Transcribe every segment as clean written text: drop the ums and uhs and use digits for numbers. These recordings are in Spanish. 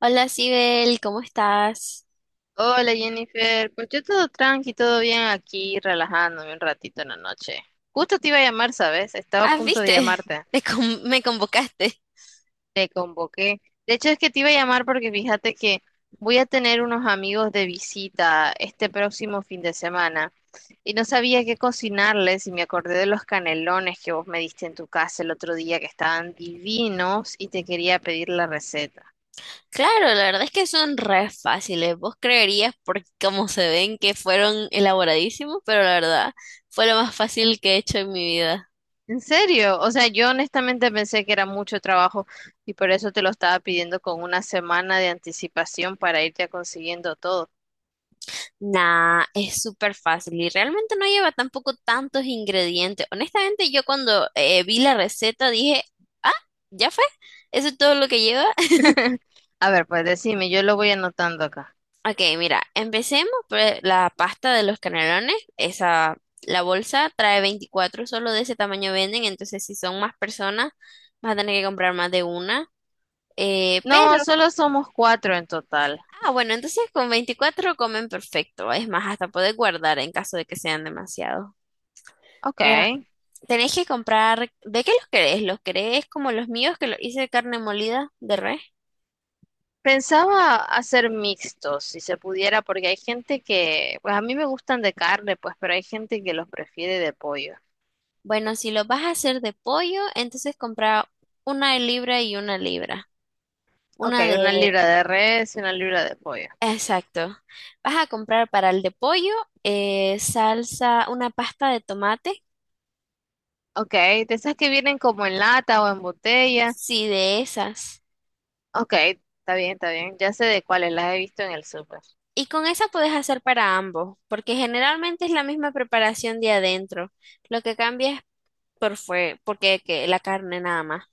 Hola, Sibel, ¿cómo estás? Hola Jennifer, pues yo todo tranqui, todo bien aquí, relajándome un ratito en la noche. Justo te iba a llamar, ¿sabes? Estaba a Ah, punto de viste, llamarte, me convocaste. te convoqué. De hecho es que te iba a llamar porque fíjate que voy a tener unos amigos de visita este próximo fin de semana y no sabía qué cocinarles y me acordé de los canelones que vos me diste en tu casa el otro día que estaban divinos y te quería pedir la receta. Claro, la verdad es que son re fáciles. Vos creerías por cómo se ven que fueron elaboradísimos, pero la verdad fue lo más fácil que he hecho en mi vida. ¿En serio? O sea, yo honestamente pensé que era mucho trabajo y por eso te lo estaba pidiendo con una semana de anticipación para irte consiguiendo todo. Nah, es súper fácil y realmente no lleva tampoco tantos ingredientes. Honestamente, yo cuando vi la receta dije, ah, ya fue, eso es todo lo que lleva. A ver, pues decime, yo lo voy anotando acá. Ok, mira, empecemos por la pasta de los canelones. Esa, la bolsa trae veinticuatro, solo de ese tamaño venden, entonces si son más personas, vas a tener que comprar más de una. Eh, No, pero, solo somos cuatro en total. ah, bueno, entonces con 24 comen perfecto. Es más, hasta poder guardar en caso de que sean demasiados. Ok. Mira, tenés que comprar, ¿de qué los querés? ¿Los querés como los míos que los hice de carne molida de res? Pensaba hacer mixtos, si se pudiera, porque hay gente que, pues a mí me gustan de carne, pues, pero hay gente que los prefiere de pollo. Bueno, si los vas a hacer de pollo, entonces compra una libra y una libra. Ok, Una de, una libra de res y una libra de pollo. exacto. Vas a comprar para el de pollo salsa, una pasta de tomate, Ok, de esas que vienen como en lata o en botella. sí, de esas. Ok, está bien, está bien. Ya sé de cuáles, las he visto en el súper. Y con esa puedes hacer para ambos, porque generalmente es la misma preparación de adentro. Lo que cambia es por fue, porque que la carne nada más.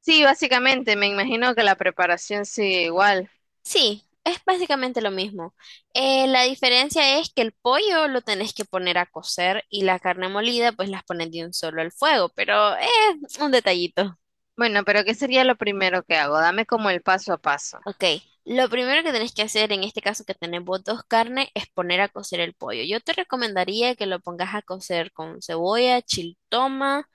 Sí, básicamente, me imagino que la preparación sigue igual. Sí, es básicamente lo mismo. La diferencia es que el pollo lo tenés que poner a cocer y la carne molida pues las pones de un solo al fuego, pero es un detallito. Bueno, pero ¿qué sería lo primero que hago? Dame como el paso a paso. Ok, lo primero que tenés que hacer en este caso que tenemos dos carnes es poner a cocer el pollo. Yo te recomendaría que lo pongas a cocer con cebolla, chiltoma,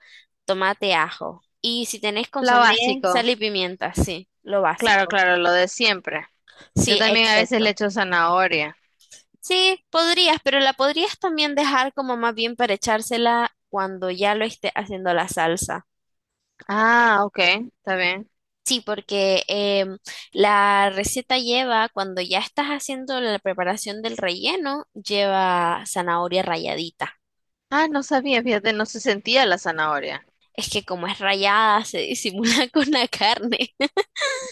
tomate, ajo. Y si tenés Lo consomé, básico. sal y pimienta, sí, lo Claro, básico. claro, lo de siempre. Yo Sí, también a veces le exacto. echo zanahoria. Sí, podrías, pero la podrías también dejar como más bien para echársela cuando ya lo esté haciendo la salsa. Ah, ok, está bien. Sí, porque la receta lleva, cuando ya estás haciendo la preparación del relleno, lleva zanahoria ralladita. Ah, no sabía, fíjate, no se sentía la zanahoria. Es que como es rallada, se disimula con la carne.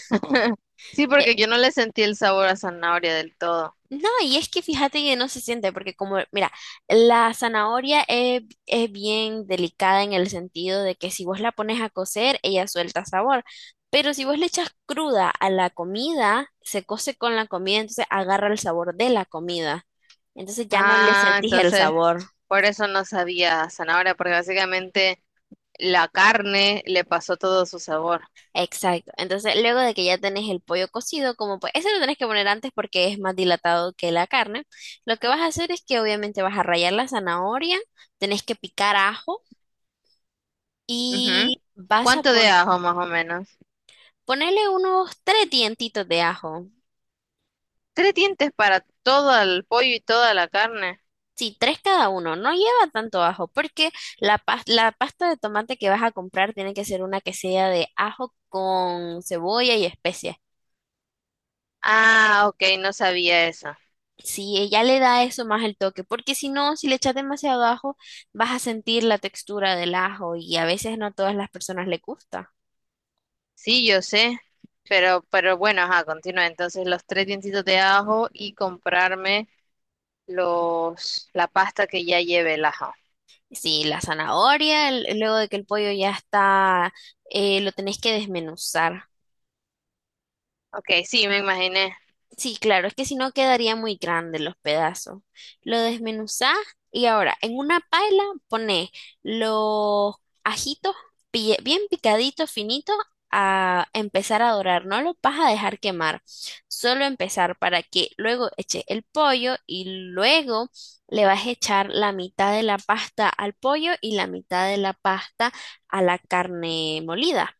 Sí, porque Eh, yo no le sentí el sabor a zanahoria del todo. No, y es que fíjate que no se siente, porque como, mira, es bien delicada en el sentido de que si vos la pones a cocer, ella suelta sabor. Pero si vos le echas cruda a la comida, se cose con la comida, entonces agarra el sabor de la comida. Entonces ya no le Ah, sentís el entonces, sabor. por eso no sabía a zanahoria, porque básicamente la carne le pasó todo su sabor. Exacto. Entonces, luego de que ya tenés el pollo cocido, como pues, ese lo tenés que poner antes porque es más dilatado que la carne. Lo que vas a hacer es que obviamente vas a rallar la zanahoria, tenés que picar ajo Ujú. y ¿Cuánto de ajo más o menos? ponerle unos tres dientitos de ajo. Tres dientes para todo el pollo y toda la carne. Sí, tres cada uno. No lleva tanto ajo porque la pasta de tomate que vas a comprar tiene que ser una que sea de ajo con cebolla y especias. Ah, ok, no sabía eso. Sí, ella le da eso más el toque, porque si no, si le echas demasiado ajo, vas a sentir la textura del ajo y a veces no a todas las personas le gusta. Sí, yo sé, pero bueno, ajá, continúa. Entonces los tres dientitos de ajo y comprarme los, la pasta que ya lleve el ajo. Sí, la zanahoria, luego de que el pollo ya está, lo tenés que desmenuzar. Ok, sí, me imaginé. Sí, claro, es que si no quedaría muy grande los pedazos. Lo desmenuzás y ahora en una paila pones los ajitos bien picaditos, finitos, a empezar a dorar. No los vas a dejar quemar, solo empezar para que luego eches el pollo y luego le vas a echar la mitad de la pasta al pollo y la mitad de la pasta a la carne molida.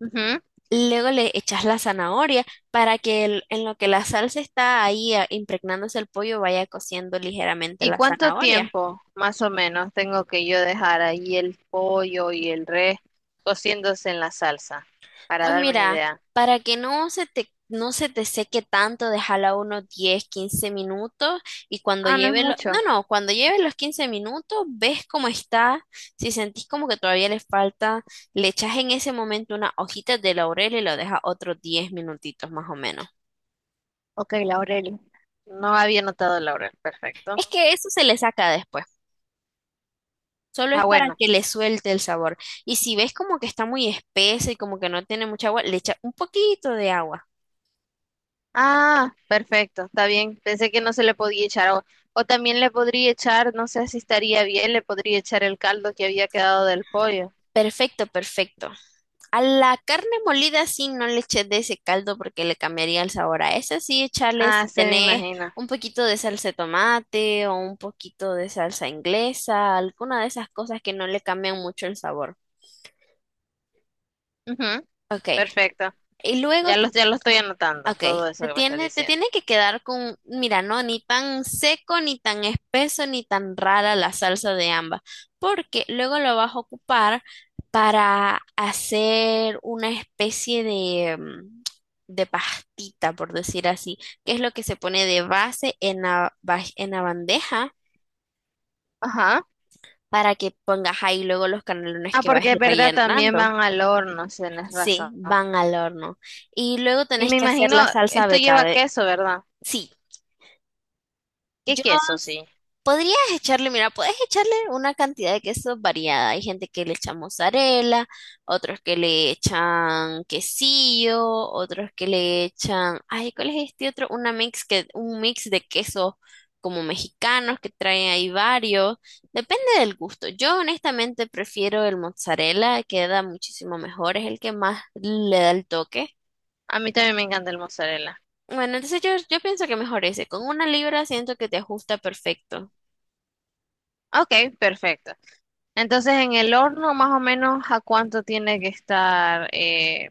Ujú. Luego le echas la zanahoria para que en lo que la salsa está ahí impregnándose el pollo vaya cociendo ligeramente ¿Y la cuánto zanahoria. tiempo más o menos tengo que yo dejar ahí el pollo y el res cociéndose en la salsa? Para Pues darme una mira, idea. para que no se te seque tanto, déjala unos 10 15 minutos y cuando Ah, no es lleve lo- no, mucho. no, cuando lleve los 15 minutos, ves cómo está. Si sentís como que todavía le falta, le echas en ese momento unas hojitas de laurel y lo dejas otros 10 minutitos más o menos. Ok, laurel. No había notado el laurel. Perfecto. Es que eso se le saca después. Solo es Ah, para bueno. que le suelte el sabor. Y si ves como que está muy espesa y como que no tiene mucha agua, le echa un poquito de agua. Ah, perfecto. Está bien. Pensé que no se le podía echar. O también le podría echar, no sé si estaría bien, le podría echar el caldo que había quedado del pollo. Perfecto, perfecto. A la carne molida sí no le eches de ese caldo porque le cambiaría el sabor. A esa sí échale Ah, si se me tenés imagina. un poquito de salsa de tomate o un poquito de salsa inglesa, alguna de esas cosas que no le cambian mucho el sabor. Ujú, Ok. perfecto. Y luego Ya lo, te ya lo estoy anotando, Ok, todo eso te que me estás tiene, te diciendo. tiene que quedar con, mira, no, ni tan seco, ni tan espeso, ni tan rara la salsa de ambas, porque luego lo vas a ocupar para hacer una especie de, mm, de pastita, por decir así, que es lo que se pone de base en en la bandeja Ajá. para que pongas ahí luego los canelones Ah, que vas a porque es ir verdad, también rellenando. van al horno, si tenés razón. Sí, van al horno. Y luego Y tenés me que hacer imagino, la salsa esto lleva betabe. queso, ¿verdad? Sí. ¿Qué Yo queso? Sí. podrías echarle, mira, puedes echarle una cantidad de queso variada. Hay gente que le echa mozzarella, otros que le echan quesillo, otros que le echan, ay, ¿cuál es este otro? Un mix de quesos como mexicanos que traen ahí varios. Depende del gusto. Yo honestamente prefiero el mozzarella, queda muchísimo mejor, es el que más le da el toque. A mí también me encanta el mozzarella. Bueno, entonces yo pienso que mejor ese. Con una libra siento que te ajusta perfecto. Ok, perfecto. Entonces, en el horno, más o menos, ¿a cuánto tiene que estar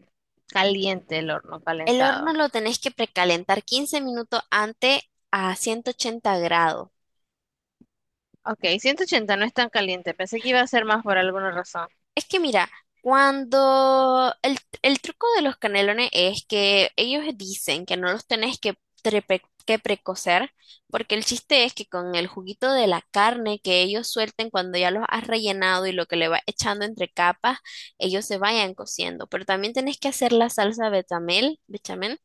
caliente el horno, El horno calentado? lo tenés que precalentar 15 minutos antes a 180 grados. Ok, 180 no es tan caliente. Pensé que iba a ser más por alguna razón. Es que mira, cuando el truco de los canelones es que ellos dicen que no los tenés que precocer, porque el chiste es que con el juguito de la carne que ellos suelten cuando ya los has rellenado y lo que le vas echando entre capas, ellos se vayan cociendo. Pero también tenés que hacer la bechamel.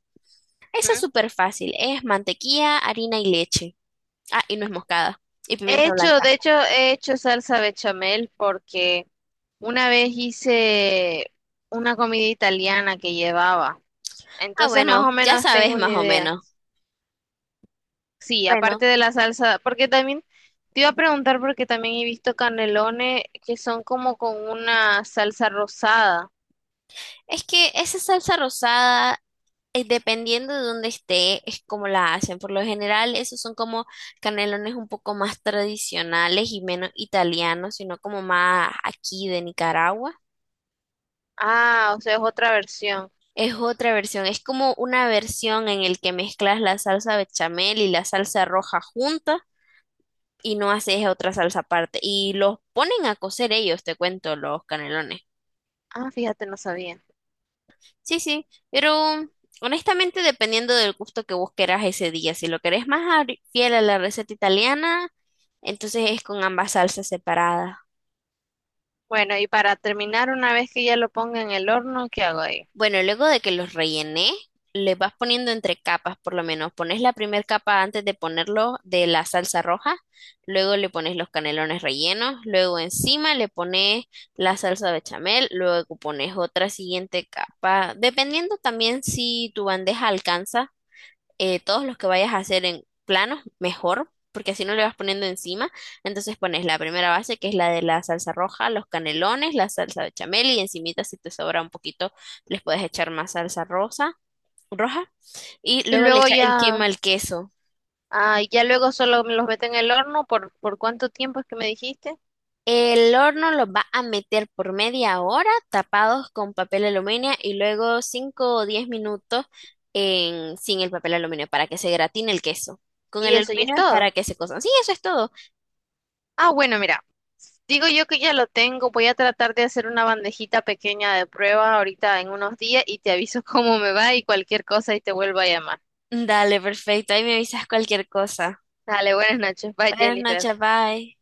Esa es ¿Mm? súper fácil, es mantequilla, harina y leche. Ah, y nuez moscada. Y He pimienta hecho, de blanca. hecho, he hecho salsa bechamel porque una vez hice una comida italiana que llevaba. Ah, Entonces, más o bueno, ya menos tengo sabes una más o idea. menos. Sí, Bueno, aparte de la salsa, porque también te iba a preguntar porque también he visto canelones que son como con una salsa rosada. es que esa salsa rosada, dependiendo de dónde esté, es como la hacen. Por lo general, esos son como canelones un poco más tradicionales y menos italianos, sino como más aquí de Nicaragua. Ah, o sea, es otra versión. Es otra versión, es como una versión en el que mezclas la salsa bechamel y la salsa roja juntas y no haces otra salsa aparte. Y los ponen a cocer ellos, te cuento, los canelones. Ah, fíjate, no sabía. Sí, pero honestamente dependiendo del gusto que vos querás ese día, si lo querés fiel a la receta italiana, entonces es con ambas salsas separadas. Bueno, y para terminar, una vez que ya lo ponga en el horno, ¿qué hago ahí? Bueno, luego de que los rellené, les vas poniendo entre capas, por lo menos pones la primera capa antes de ponerlo de la salsa roja, luego le pones los canelones rellenos, luego encima le pones la salsa bechamel, luego pones otra siguiente capa, dependiendo también si tu bandeja alcanza. Todos los que vayas a hacer en planos, mejor, porque así no le vas poniendo encima. Entonces pones la primera base, que es la de la salsa roja, los canelones, la salsa bechamel y encimita, si te sobra un poquito, les puedes echar más roja. Y Y luego le luego echas ya, encima el queso. ah, y ya luego solo me los meto en el horno ¿por cuánto tiempo es que me dijiste? El horno lo va a meter por media hora tapados con papel aluminio y luego 5 o 10 minutos sin el papel aluminio para que se gratine el queso. Con Y el eso, y es aluminio es todo. para que se cozan. Sí, eso es todo. Ah, bueno, mira, digo yo que ya lo tengo, voy a tratar de hacer una bandejita pequeña de prueba ahorita en unos días y te aviso cómo me va y cualquier cosa y te vuelvo a llamar. Dale, perfecto. Ahí me avisas cualquier cosa. Dale, buenas noches, bye Buenas Jennifer. noches, bye.